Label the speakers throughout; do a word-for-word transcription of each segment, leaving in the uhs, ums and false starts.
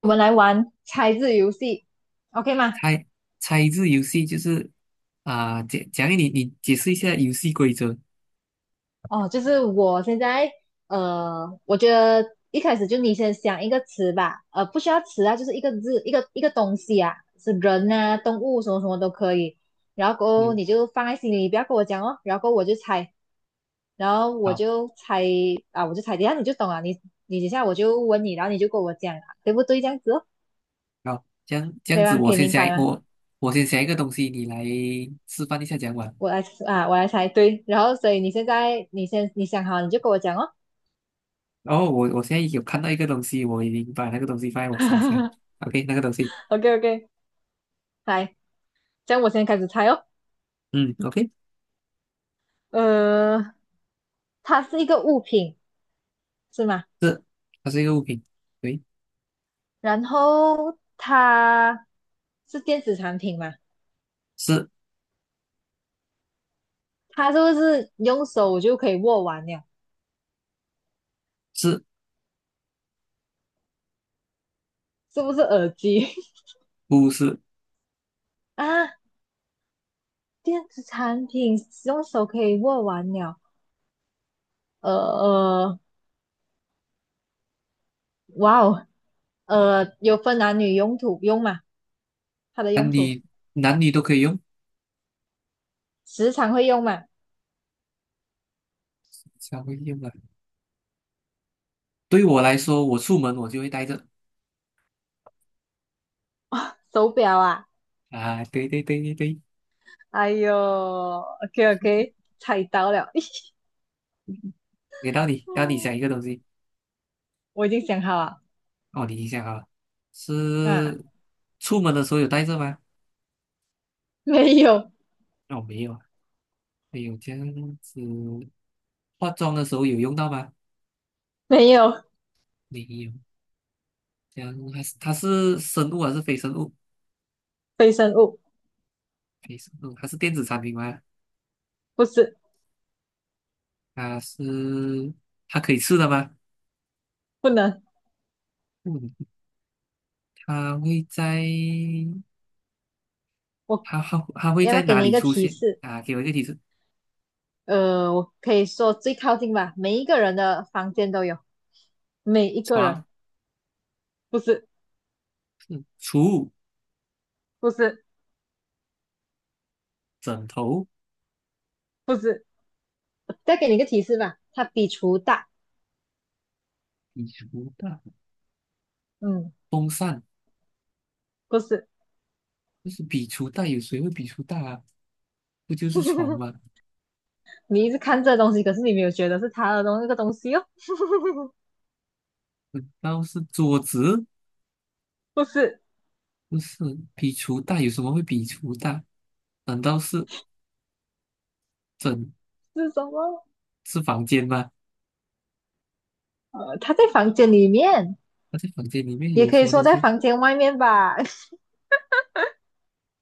Speaker 1: 我们来玩猜字游戏，OK 吗？
Speaker 2: 猜猜字游戏就是啊，讲讲你你解释一下游戏规则。
Speaker 1: 哦，就是我现在，呃，我觉得一开始就你先想一个词吧，呃，不需要词啊，就是一个字，一个一个东西啊，是人啊、动物什么什么都可以。然后过后
Speaker 2: 嗯，
Speaker 1: 你就放在心里，不要跟我讲哦。然后过后我就猜，然后我
Speaker 2: 好，
Speaker 1: 就猜啊，我就猜，等一下你就懂了。你你等一下我就问你，然后你就跟我讲啊，对不对？这样子哦，
Speaker 2: 好，这样这
Speaker 1: 可
Speaker 2: 样
Speaker 1: 以
Speaker 2: 子，
Speaker 1: 吗？可
Speaker 2: 我
Speaker 1: 以
Speaker 2: 先
Speaker 1: 明
Speaker 2: 想
Speaker 1: 白吗？
Speaker 2: 我我先想一个东西，你来示范一下讲完。
Speaker 1: 我来啊，我来猜，对。然后所以你现在你先你想好，你就跟我讲哦。
Speaker 2: 然后我我现在有看到一个东西，我已经把那个东西放在我心上。OK,那个东西，
Speaker 1: OK OK，来，这样我先开始猜哦。
Speaker 2: 嗯，OK,
Speaker 1: 呃，它是一个物品是吗？
Speaker 2: 是它是一个物品，对，
Speaker 1: 然后它是电子产品吗？
Speaker 2: 是
Speaker 1: 它是不是用手就可以握完了？
Speaker 2: 是
Speaker 1: 是不是耳机
Speaker 2: 不是？
Speaker 1: 啊？电子产品用手可以握完了。呃呃，哇哦，呃，有分男女用途用嘛？它的用
Speaker 2: 男
Speaker 1: 途
Speaker 2: 女男女都可以用，
Speaker 1: 时常会用嘛？
Speaker 2: 稍微用啊。对我来说，我出门我就会带着。
Speaker 1: 手表啊？
Speaker 2: 啊，对对对对对，
Speaker 1: 哎呦，OK OK，猜到了。
Speaker 2: 给到你，到你想
Speaker 1: 嗯，
Speaker 2: 一个东西。
Speaker 1: 我已经想好了，
Speaker 2: 哦，你一下啊，
Speaker 1: 啊，
Speaker 2: 是出门的时候有带着吗？
Speaker 1: 没有，
Speaker 2: 哦，没有，啊。没有这样子。化妆的时候有用到吗？
Speaker 1: 没有。
Speaker 2: 没有。这样还是它是生物还是非生物？
Speaker 1: 非生物，
Speaker 2: 非生物，它是电子产品吗？
Speaker 1: 不是，
Speaker 2: 它是它可以吃的吗？
Speaker 1: 不能。
Speaker 2: 嗯，它会在
Speaker 1: 我
Speaker 2: 它它它会
Speaker 1: 要不要
Speaker 2: 在
Speaker 1: 给
Speaker 2: 哪
Speaker 1: 你一
Speaker 2: 里
Speaker 1: 个
Speaker 2: 出
Speaker 1: 提
Speaker 2: 现？
Speaker 1: 示？
Speaker 2: 啊，给我一个提示：
Speaker 1: 呃，我可以说最靠近吧，每一个人的房间都有，每一个人，
Speaker 2: 床、
Speaker 1: 不是，
Speaker 2: 储物、
Speaker 1: 不是，
Speaker 2: 枕头、
Speaker 1: 不是。再给你一个提示吧，它比厨大，
Speaker 2: 笔橱袋、
Speaker 1: 嗯，
Speaker 2: 风扇。
Speaker 1: 不是。
Speaker 2: 就是笔橱袋，有谁会笔橱袋啊？不就是床吗？
Speaker 1: 你一直看这东西，可是你没有觉得是它的东那个东西哦，
Speaker 2: 难道是桌子？
Speaker 1: 不是，
Speaker 2: 不是，比厨大有什么会比厨大？难道是整
Speaker 1: 是什么？
Speaker 2: 是房间吗？
Speaker 1: 呃，它在房间里面，
Speaker 2: 那在房间里面
Speaker 1: 也
Speaker 2: 有
Speaker 1: 可
Speaker 2: 什
Speaker 1: 以
Speaker 2: 么
Speaker 1: 说
Speaker 2: 东
Speaker 1: 在
Speaker 2: 西？
Speaker 1: 房间外面吧，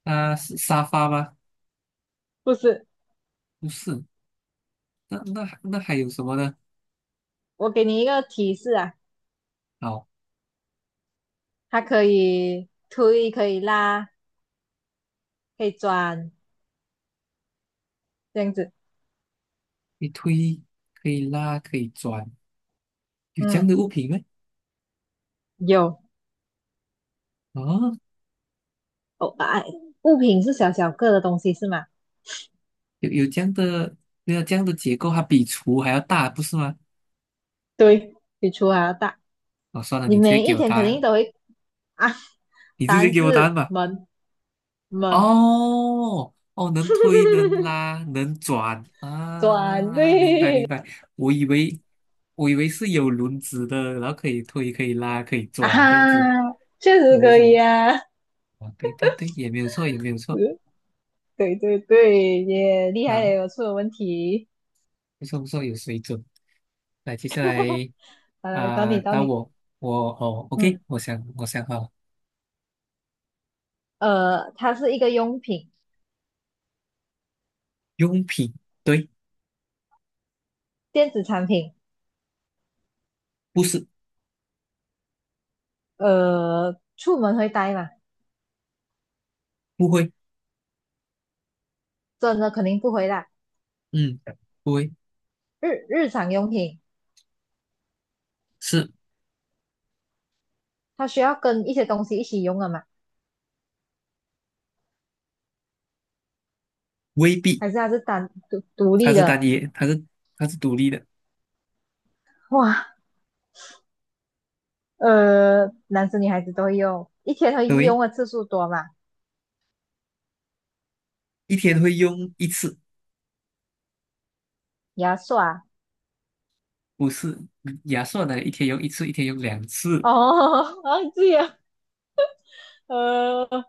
Speaker 2: 啊，是沙发吗？
Speaker 1: 不是。
Speaker 2: 不是，那那那还有什么呢？
Speaker 1: 我给你一个提示啊，
Speaker 2: 好，
Speaker 1: 它可以推，可以拉，可以转，这样子。
Speaker 2: 可以推，可以拉，可以转，有这样
Speaker 1: 嗯，
Speaker 2: 的物品吗？
Speaker 1: 有
Speaker 2: 哦，
Speaker 1: 哦，啊，物品是小小个的东西是吗？
Speaker 2: 有有这样的，没有这样的结构，它比厨还要大，不是吗？
Speaker 1: 对，比厨还要大。
Speaker 2: 哦，算了，
Speaker 1: 你
Speaker 2: 你直接
Speaker 1: 每
Speaker 2: 给
Speaker 1: 一
Speaker 2: 我
Speaker 1: 天
Speaker 2: 答
Speaker 1: 肯定
Speaker 2: 案，
Speaker 1: 都会啊，
Speaker 2: 你
Speaker 1: 答
Speaker 2: 直接
Speaker 1: 案
Speaker 2: 给我答案
Speaker 1: 是
Speaker 2: 吧。
Speaker 1: 门，门，
Speaker 2: 哦哦，能推能拉能转
Speaker 1: 转
Speaker 2: 啊，明白
Speaker 1: 对。
Speaker 2: 明白。我以为我以为是有轮子的，然后可以推可以拉可以
Speaker 1: 啊哈，
Speaker 2: 转这样子。
Speaker 1: 确实
Speaker 2: 我为
Speaker 1: 可
Speaker 2: 什
Speaker 1: 以
Speaker 2: 么？
Speaker 1: 啊。
Speaker 2: 啊，对对对，也没有错也没有错。
Speaker 1: 嗯，对对对，也厉害了，
Speaker 2: 啊，
Speaker 1: 有出了问题。
Speaker 2: 不错不错，有水准。来，接下来
Speaker 1: 好来，到
Speaker 2: 啊，
Speaker 1: 你到
Speaker 2: 打
Speaker 1: 你。
Speaker 2: 我我哦，OK,
Speaker 1: 嗯，
Speaker 2: 我想我想好了，
Speaker 1: 呃，它是一个用品，
Speaker 2: 用品对，
Speaker 1: 电子产品。
Speaker 2: 不是，
Speaker 1: 呃，出门会带吗？
Speaker 2: 不会，
Speaker 1: 真的肯定不回来。
Speaker 2: 嗯，不会
Speaker 1: 日日常用品，
Speaker 2: 是
Speaker 1: 它需要跟一些东西一起用的嘛，
Speaker 2: 未必，
Speaker 1: 还是它是单独独
Speaker 2: 它
Speaker 1: 立
Speaker 2: 是单
Speaker 1: 的？
Speaker 2: 一，它是它是独立的，
Speaker 1: 哇，呃，男生女孩子都会用，一天会
Speaker 2: 对。
Speaker 1: 用的次数多嘛？
Speaker 2: 一天会用一次，
Speaker 1: 牙刷，
Speaker 2: 不是。牙刷呢，一天用一次，一天用两次。
Speaker 1: 哦，忘记了，呃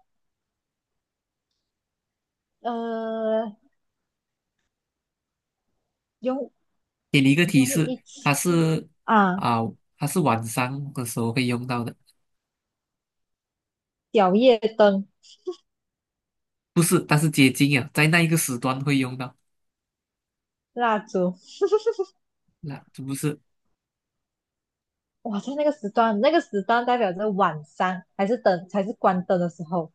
Speaker 1: 呃，用
Speaker 2: 给你一个提
Speaker 1: 用
Speaker 2: 示，
Speaker 1: 一
Speaker 2: 它
Speaker 1: 起
Speaker 2: 是
Speaker 1: 啊，
Speaker 2: 啊，它是晚上的时候会用到的，
Speaker 1: 小夜灯、
Speaker 2: 不是，但是接近啊，在那一个时段会用到。
Speaker 1: 蜡烛，
Speaker 2: 那这不是
Speaker 1: 哇，在那个时段，那个时段代表着晚上还是灯，才是关灯的时候，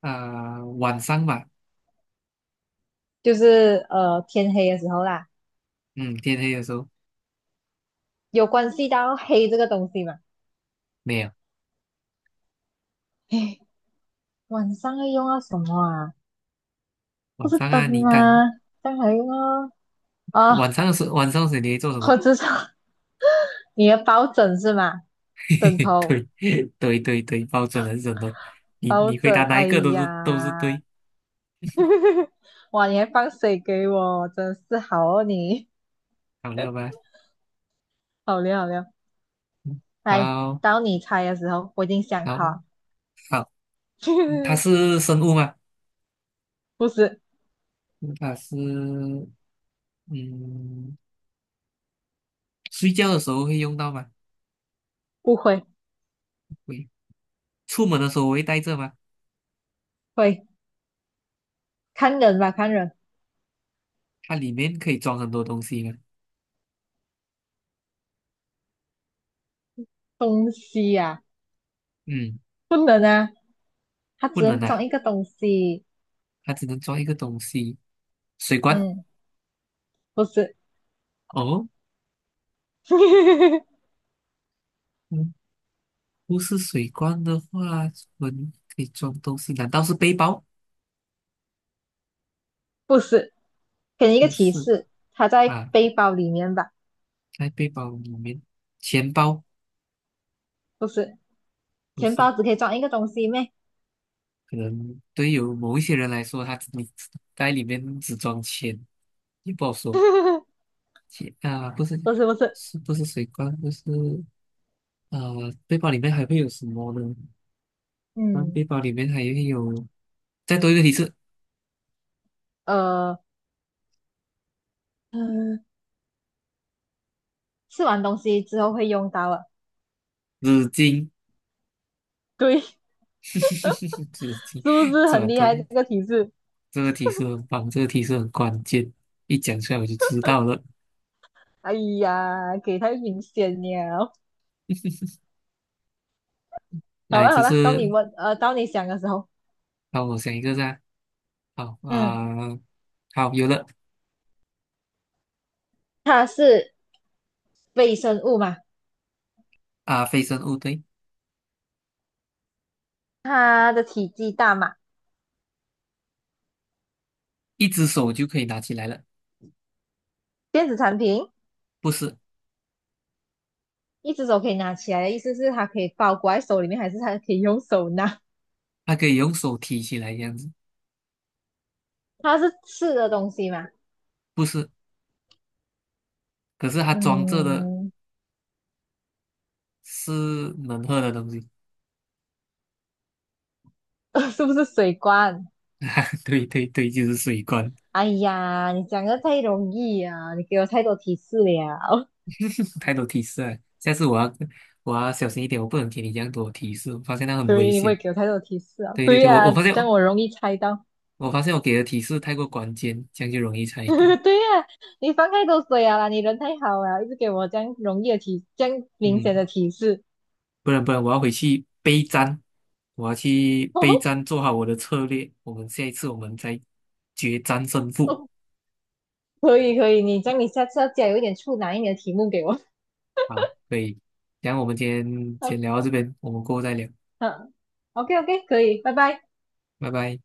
Speaker 2: 啊，晚上吧？
Speaker 1: 就是呃天黑的时候啦。
Speaker 2: 嗯，天黑的时候
Speaker 1: 有关系到黑这个东西嘛？
Speaker 2: 没有。
Speaker 1: 哎，晚上要用到什么啊？不
Speaker 2: 晚
Speaker 1: 是
Speaker 2: 上
Speaker 1: 灯
Speaker 2: 啊，你
Speaker 1: 吗？
Speaker 2: 当
Speaker 1: 这样还用啊？啊，
Speaker 2: 晚上的时候，晚上的时候你会做什
Speaker 1: 我
Speaker 2: 么？
Speaker 1: 知道你的抱枕是吗？枕 头、
Speaker 2: 对对对对，包准了是的。你
Speaker 1: 抱
Speaker 2: 你回答
Speaker 1: 枕，
Speaker 2: 哪一
Speaker 1: 哎
Speaker 2: 个都
Speaker 1: 呀，
Speaker 2: 是都是对，
Speaker 1: 哇，你还放水给我，真是好哦你，
Speaker 2: 好了吧？
Speaker 1: 好料好料。
Speaker 2: 嗯，
Speaker 1: 来，
Speaker 2: 好，
Speaker 1: 到你猜的时候，我已经想好
Speaker 2: 好，
Speaker 1: 了，
Speaker 2: 好。它 是生物吗？
Speaker 1: 不是，
Speaker 2: 它是嗯，睡觉的时候会用到吗？
Speaker 1: 不会，
Speaker 2: 会，出门的时候我会带着吗？
Speaker 1: 会看人吧，看人，
Speaker 2: 它里面可以装很多东西吗？
Speaker 1: 东西呀、啊，
Speaker 2: 嗯，
Speaker 1: 不能啊，它
Speaker 2: 不
Speaker 1: 只
Speaker 2: 能
Speaker 1: 能装
Speaker 2: 啊，
Speaker 1: 一个东西，
Speaker 2: 它只能装一个东西，水罐。
Speaker 1: 嗯。不是，
Speaker 2: 哦，嗯，不是水罐的话，我们可以装东西，难道是背包？
Speaker 1: 不是，给你一个
Speaker 2: 不
Speaker 1: 提
Speaker 2: 是。
Speaker 1: 示，它在
Speaker 2: 啊，
Speaker 1: 背包里面吧？
Speaker 2: 在背包里面，钱包
Speaker 1: 不是，
Speaker 2: 不
Speaker 1: 钱
Speaker 2: 是，
Speaker 1: 包只可以装一个东西咩？
Speaker 2: 可能对有某一些人来说，他只你在里面只装钱，也不好说。铁啊，不是，
Speaker 1: 不是，不是，
Speaker 2: 是不是水罐？就是呃，背包里面还会有什么呢？那背
Speaker 1: 嗯，
Speaker 2: 包里面还会有，再多一个提示，
Speaker 1: 呃，嗯，吃完东西之后会用到啊。
Speaker 2: 纸巾。
Speaker 1: 对，是
Speaker 2: 纸巾，
Speaker 1: 不是
Speaker 2: 这
Speaker 1: 很厉
Speaker 2: 都
Speaker 1: 害这个提示？
Speaker 2: 这个提示很棒，这个提示很关键，一讲出来我就知道了。
Speaker 1: 哎呀，给太明显了。好
Speaker 2: 来，
Speaker 1: 了
Speaker 2: 这
Speaker 1: 好了，到你
Speaker 2: 是
Speaker 1: 问，呃，到你想的时候，
Speaker 2: 帮我想一个噻，好
Speaker 1: 嗯，
Speaker 2: 啊、好，有了。
Speaker 1: 它是微生物嘛？
Speaker 2: 啊、非生物对，
Speaker 1: 它的体积大嘛？
Speaker 2: 一只手就可以拿起来了，
Speaker 1: 电子产品？
Speaker 2: 不是，
Speaker 1: 一只手可以拿起来的意思是它可以包裹在手里面，还是它可以用手拿？
Speaker 2: 它可以用手提起来这样子，
Speaker 1: 它是吃的东西嘛？
Speaker 2: 不是，可是它装着的
Speaker 1: 嗯，
Speaker 2: 是能喝的东西。
Speaker 1: 是不是水罐？
Speaker 2: 对对对，就是水罐，
Speaker 1: 哎呀，你讲的太容易啊！你给我太多提示了。
Speaker 2: 太多提示了。下次我要我要小心一点，我不能给你这样多提示，我发现那 很危
Speaker 1: 对，你
Speaker 2: 险。
Speaker 1: 会给我太多提示啊。
Speaker 2: 对对
Speaker 1: 对
Speaker 2: 对，我
Speaker 1: 呀、
Speaker 2: 我
Speaker 1: 啊
Speaker 2: 发现
Speaker 1: 这样我容易猜到。
Speaker 2: 我发现我给的提示太过关键，这样就容易猜到。
Speaker 1: 对呀、啊你放太多水啊啦你人太好了，一直给我这样容易的提，这样明显
Speaker 2: 嗯，
Speaker 1: 的提示。
Speaker 2: 不然不然，我要回去备战，我要去备战，做好我的策略。我们下一次我们再决战胜负。
Speaker 1: 可以可以，你这样你下次要加有一点处难一点的题目给我。
Speaker 2: 好，可以。然后我们今天 先聊到这边，我们过后再聊，
Speaker 1: 嗯，OK OK，可以，拜拜。
Speaker 2: 拜拜。